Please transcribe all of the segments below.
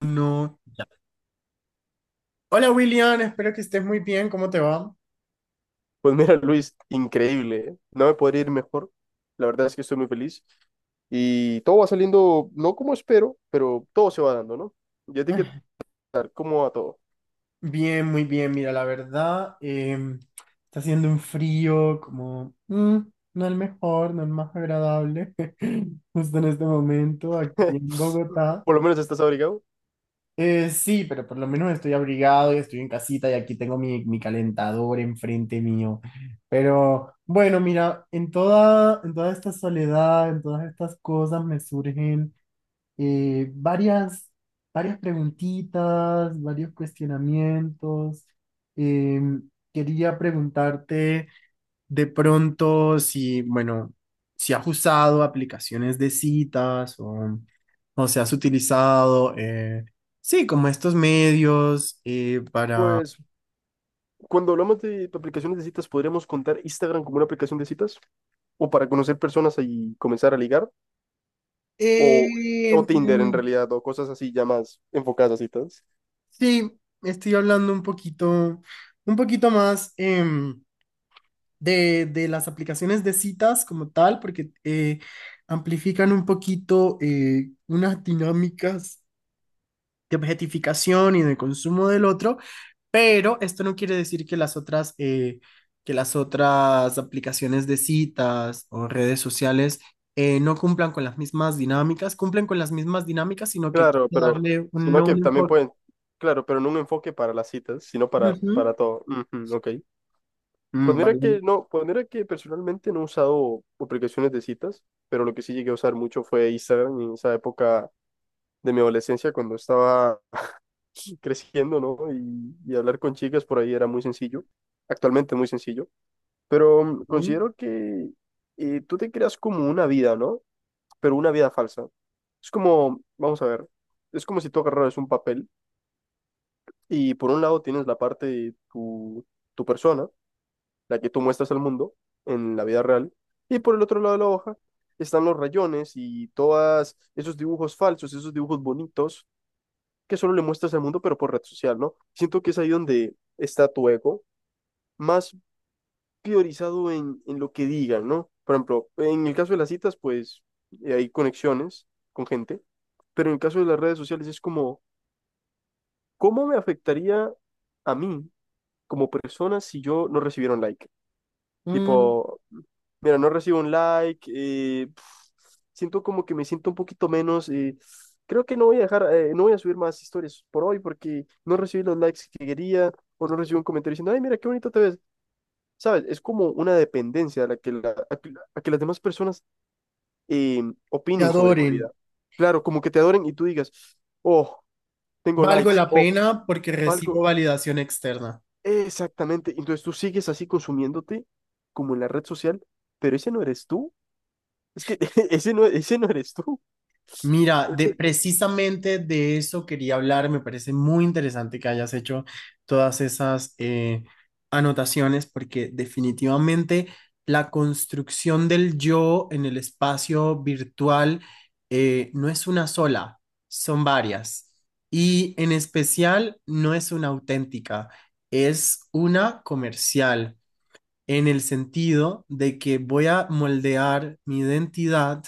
No. Hola William, espero que estés muy bien. ¿Cómo te va? Pues mira, Luis, increíble. ¿Eh? No me podría ir mejor. La verdad es que estoy muy feliz. Y todo va saliendo, no como espero, pero todo se va dando, ¿no? Ya te que Ah, tal, ¿cómo va todo? bien, muy bien. Mira, la verdad, está haciendo un frío como no el mejor, no el más agradable, justo en este momento aquí en Bogotá. Por lo menos estás abrigado. Sí, pero por lo menos estoy abrigado y estoy en casita y aquí tengo mi calentador enfrente mío. Pero bueno, mira, en toda esta soledad, en todas estas cosas me surgen eh, varias, varias preguntitas, varios cuestionamientos. Eh, quería preguntarte de pronto si, bueno, si has usado aplicaciones de citas o si has utilizado, sí, como estos medios para... Pues cuando hablamos de aplicaciones de citas, podríamos contar Instagram como una aplicación de citas, o para conocer personas y comenzar a ligar, o, Eh, o Tinder en mm, realidad, o cosas así ya más enfocadas a citas. sí, estoy hablando un poquito más. De las aplicaciones de citas como tal, porque amplifican un poquito unas dinámicas de objetificación y de consumo del otro, pero esto no quiere decir que las otras aplicaciones de citas o redes sociales no cumplan con las mismas dinámicas, cumplen con las mismas dinámicas, sino que hay que Claro, pero darle sí. Sino no que un también enfoque. pueden, claro, pero no un enfoque para las citas, sino para Ujú. todo. Ujú, ok. Pues Mm, mira vale. que no, pues mira que personalmente no he usado aplicaciones de citas, pero lo que sí llegué a usar mucho fue Instagram en esa época de mi adolescencia cuando estaba creciendo, ¿no? Y hablar con chicas por ahí era muy sencillo. Actualmente es muy sencillo, pero Mm, considero que tú te creas como una vida, ¿no? Pero una vida falsa. Es como, vamos a ver, es como si tú agarraras un papel, y por un lado tienes la parte de tu persona, la que tú muestras al mundo en la vida real, y por el otro lado de la hoja están los rayones y todos esos dibujos falsos, esos dibujos bonitos que solo le muestras al mundo, pero por red social, ¿no? Siento que es ahí donde está tu ego, más priorizado en lo que digan, ¿no? Por ejemplo, en el caso de las citas, pues hay conexiones con gente, pero en el caso de las redes sociales es como, ¿cómo me afectaría a mí como persona si yo no recibiera un like? mm, Tipo, mira, no recibo un like, siento como que me siento un poquito menos. Creo que no voy a dejar, no voy a subir más historias por hoy porque no recibí los likes que quería o no recibí un comentario diciendo, ay, mira, qué bonito te ves. ¿Sabes? Es como una dependencia a la que, a que, a que las demás personas eh, te opinen sobre tu adoren. vida. Claro, como que te adoren y tú digas, oh, tengo Valgo likes, la oh, pena porque recibo algo. validación externa. Exactamente. Entonces tú sigues así consumiéndote como en la red social, pero ese no eres tú. Es que ese no eres tú. Mira, de precisamente de eso quería hablar. Me parece muy interesante que hayas hecho todas esas anotaciones porque definitivamente la construcción del yo en el espacio virtual no es una sola, son varias. Y en especial no es una auténtica, es una comercial, en el sentido de que voy a moldear mi identidad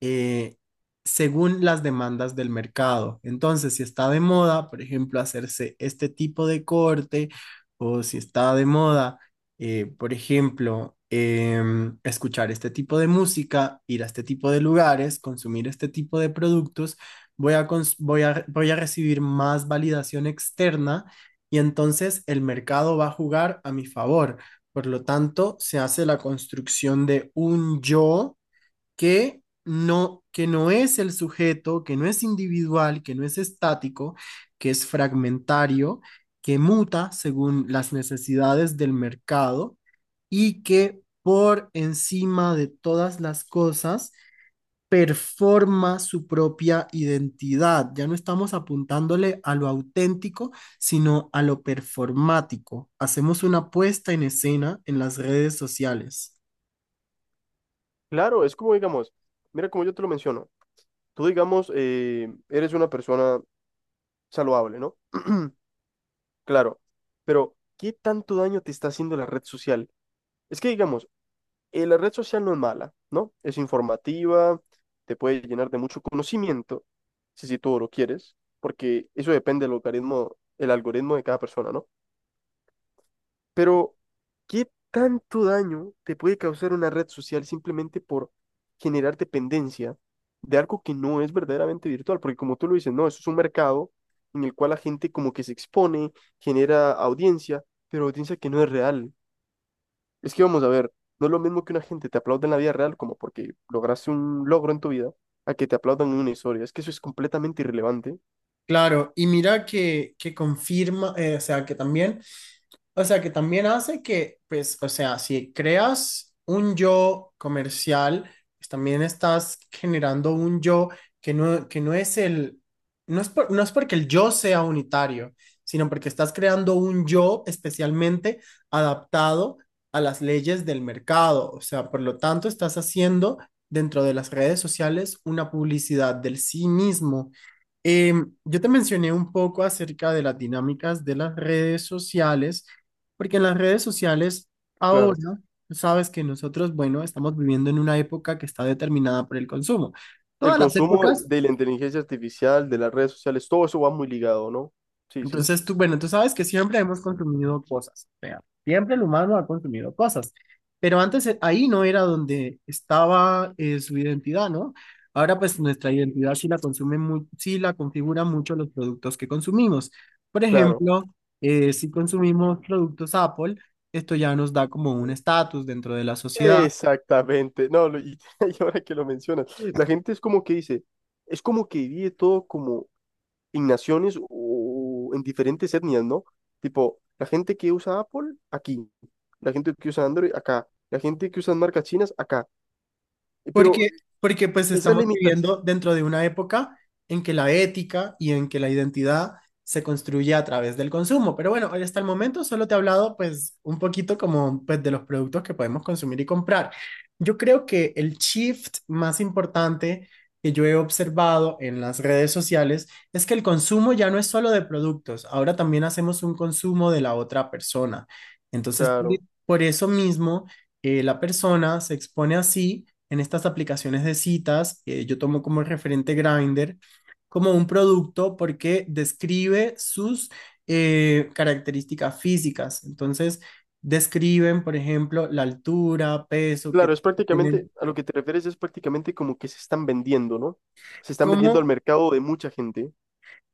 eh, según las demandas del mercado. Entonces, si está de moda, por ejemplo, hacerse este tipo de corte, o si está de moda, escuchar este tipo de música, ir a este tipo de lugares, consumir este tipo de productos, voy a, cons- voy a, voy a recibir más validación externa y entonces el mercado va a jugar a mi favor. Por lo tanto, se hace la construcción de un yo que no es el sujeto, que no es individual, que no es estático, que es fragmentario, que muta según las necesidades del mercado y que por encima de todas las cosas performa su propia identidad. Ya no estamos apuntándole a lo auténtico, sino a lo performático. Hacemos una puesta en escena en las redes sociales. Claro, es como digamos, mira como yo te lo menciono. Tú digamos, eres una persona saludable, ¿no? Claro, pero ¿qué tanto daño te está haciendo la red social? Es que digamos, la red social no es mala, ¿no? Es informativa, te puede llenar de mucho conocimiento, si, si tú lo quieres, porque eso depende del algoritmo, el algoritmo de cada persona, ¿no? Pero, ¿qué tanto daño te puede causar una red social simplemente por generar dependencia de algo que no es verdaderamente virtual? Porque como tú lo dices, no, eso es un mercado en el cual la gente como que se expone, genera audiencia, pero audiencia que no es real. Es que vamos a ver, no es lo mismo que una gente te aplaude en la vida real como porque lograste un logro en tu vida, a que te aplaudan en una historia. Es que eso es completamente irrelevante. Claro, y mira que confirma, o sea, que también... O sea, que también hace que, pues, o sea, si creas un yo comercial, pues también estás generando un yo que no es no es no es porque el yo sea unitario, sino porque estás creando un yo especialmente adaptado a las leyes del mercado. O sea, por lo tanto, estás haciendo dentro de las redes sociales una publicidad del sí mismo. Yo te mencioné un poco acerca de las dinámicas de las redes sociales porque en las redes sociales Claro. ahora, tú sabes que nosotros, bueno, estamos viviendo en una época que está determinada por el consumo. El Todas las consumo épocas, de la inteligencia artificial, de las redes sociales, todo eso va muy ligado, ¿no? Sí, sí. entonces tú, bueno, tú sabes que siempre hemos consumido cosas, o sea, siempre el humano ha consumido cosas, pero antes ahí no era donde estaba su identidad, ¿no? Ahora pues nuestra identidad sí la sí la configuran mucho los productos que consumimos. Por Claro, ejemplo, si consumimos productos Apple, esto ya nos da como un estatus dentro de la sociedad. exactamente. No, y ahora que lo mencionas, la gente es como que dice, es como que vive todo como en naciones o en diferentes etnias, ¿no? Tipo, la gente que usa Apple, aquí. La gente que usa Android, acá. La gente que usa marcas chinas, acá. Pero Porque, porque pues esas estamos limitación, viviendo dentro de una época en que la ética y en que la identidad se construye a través del consumo. Pero bueno, hoy hasta el momento solo te he hablado pues un poquito como pues de los productos que podemos consumir y comprar. Yo creo que el shift más importante que yo he observado en las redes sociales es que el consumo ya no es solo de productos, ahora también hacemos un consumo de la otra persona. Entonces, por claro, por eso mismo la persona se expone así en estas aplicaciones de citas, yo tomo como referente Grindr, como un producto porque describe sus características físicas. Entonces, describen, por ejemplo, la altura, peso claro, que es tienen, prácticamente, a lo que te refieres es prácticamente como que se están vendiendo, ¿no? Se están vendiendo al cómo, mercado de mucha gente.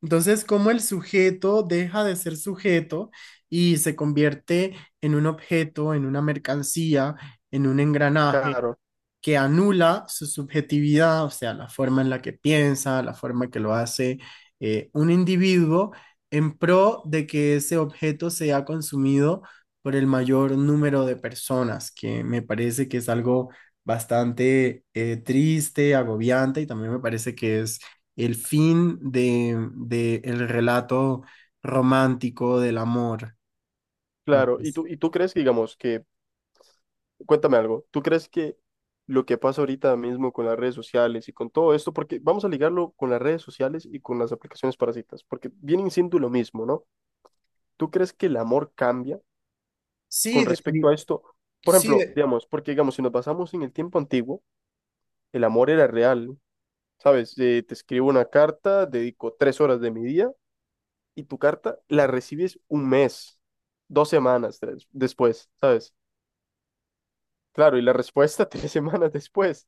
entonces, cómo el sujeto deja de ser sujeto y se convierte en un objeto, en una mercancía, en un engranaje Claro. que anula su subjetividad, o sea, la forma en la que piensa, la forma que lo hace un individuo, en pro de que ese objeto sea consumido por el mayor número de personas, que me parece que es algo bastante triste, agobiante, y también me parece que es el fin de el relato romántico del amor. Me Claro, y parece. tú, y tú crees que, digamos, que, cuéntame algo, ¿tú crees que lo que pasa ahorita mismo con las redes sociales y con todo esto, porque vamos a ligarlo con las redes sociales y con las aplicaciones para citas, porque vienen siendo lo mismo, ¿no? ¿Tú crees que el amor cambia Sí, con respecto defini- a esto? Por sí, ejemplo, de- digamos, porque digamos, si nos basamos en el tiempo antiguo, el amor era real, ¿no? ¿Sabes? Te escribo una carta, dedico 3 horas de mi día y tu carta la recibes un mes, después, ¿sabes? Claro, y la respuesta tres semanas después.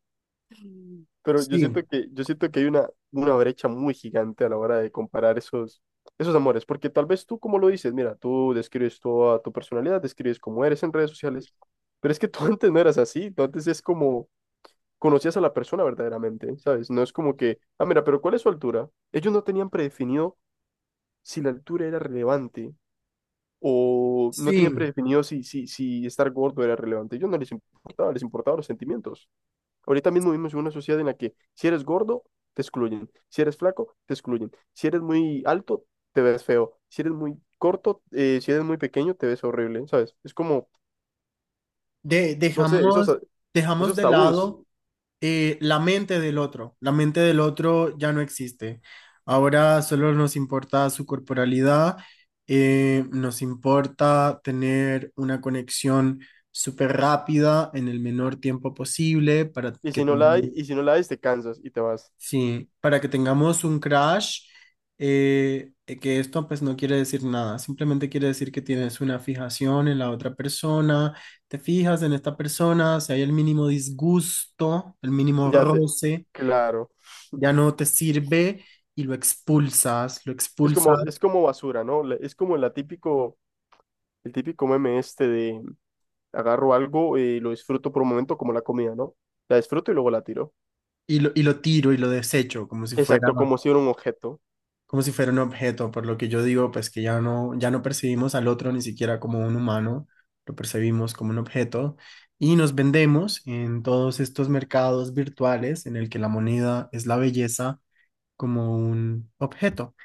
Pero sí, yo siento que hay una brecha muy gigante a la hora de comparar esos, esos amores, porque tal vez tú, como lo dices, mira, tú describes toda tu personalidad, describes cómo eres en redes sociales, pero es que tú antes no eras así, tú antes es como conocías a la persona verdaderamente, ¿sabes? No es como que, ah, mira, pero ¿cuál es su altura? Ellos no tenían predefinido si la altura era relevante o no tenían sí. predefinido si, si estar gordo era relevante. Ellos no les importaba, les importaban los sentimientos. Ahorita mismo vivimos en una sociedad en la que si eres gordo, te excluyen. Si eres flaco, te excluyen. Si eres muy alto, te ves feo. Si eres muy corto, si eres muy pequeño, te ves horrible, ¿sabes? Es como, no sé, esos, Dejamos, dejamos esos de tabús. lado la mente del otro. La mente del otro ya no existe. Ahora solo nos importa su corporalidad, nos importa tener una conexión súper rápida en el menor tiempo posible para que tengamos. Y si no la hay, te cansas y te vas. Sí, para que tengamos un crash, que esto pues no quiere decir nada, simplemente quiere decir que tienes una fijación en la otra persona, te fijas en esta persona, si hay el mínimo disgusto, el mínimo Ya te, roce, claro. ya no te sirve y lo expulsas Es como basura, ¿no? Es como la típico, el típico meme este de agarro algo y lo disfruto por un momento como la comida, ¿no? La disfruto y luego la tiro. Y lo tiro y lo desecho Exacto, como si fuera un objeto. como si fuera un objeto, por lo que yo digo, pues que ya no, ya no percibimos al otro ni siquiera como un humano, lo percibimos como un objeto y nos vendemos en todos estos mercados virtuales en el que la moneda es la belleza como un objeto.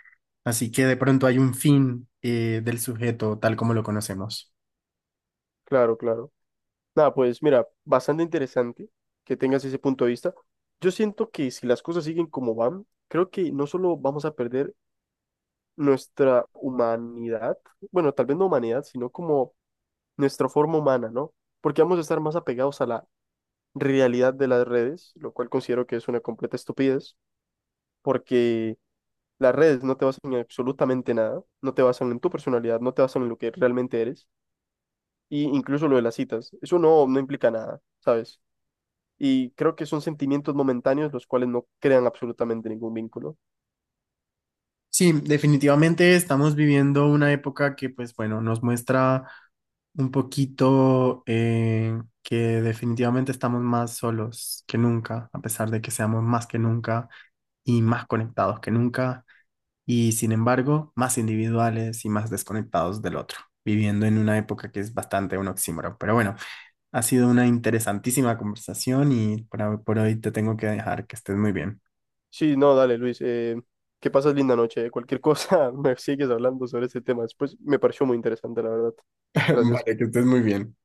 Así que de pronto hay un fin del sujeto tal como lo conocemos. Claro, claro. Nada, pues mira, bastante interesante que tengas ese punto de vista. Yo siento que si las cosas siguen como van, creo que no solo vamos a perder nuestra humanidad, bueno, tal vez no humanidad, sino como nuestra forma humana, ¿no? Porque vamos a estar más apegados a la realidad de las redes, lo cual considero que es una completa estupidez, porque las redes no te basan en absolutamente nada, no te basan en tu personalidad, no te basan en lo que realmente eres, y incluso lo de las citas, eso no, no implica nada, ¿sabes? Y creo que son sentimientos momentáneos los cuales no crean absolutamente ningún vínculo. Sí, definitivamente estamos viviendo una época que, pues bueno, nos muestra un poquito que definitivamente estamos más solos que nunca, a pesar de que seamos más que nunca y más conectados que nunca, y sin embargo, más individuales y más desconectados del otro, viviendo en una época que es bastante un oxímoron. Pero bueno, ha sido una interesantísima conversación y por hoy te tengo que dejar que estés muy bien. Sí, no, dale, Luis. Que pases linda noche. Cualquier cosa, me sigues hablando sobre este tema después. Me pareció muy interesante, la verdad. Gracias. Vale, que estés muy bien.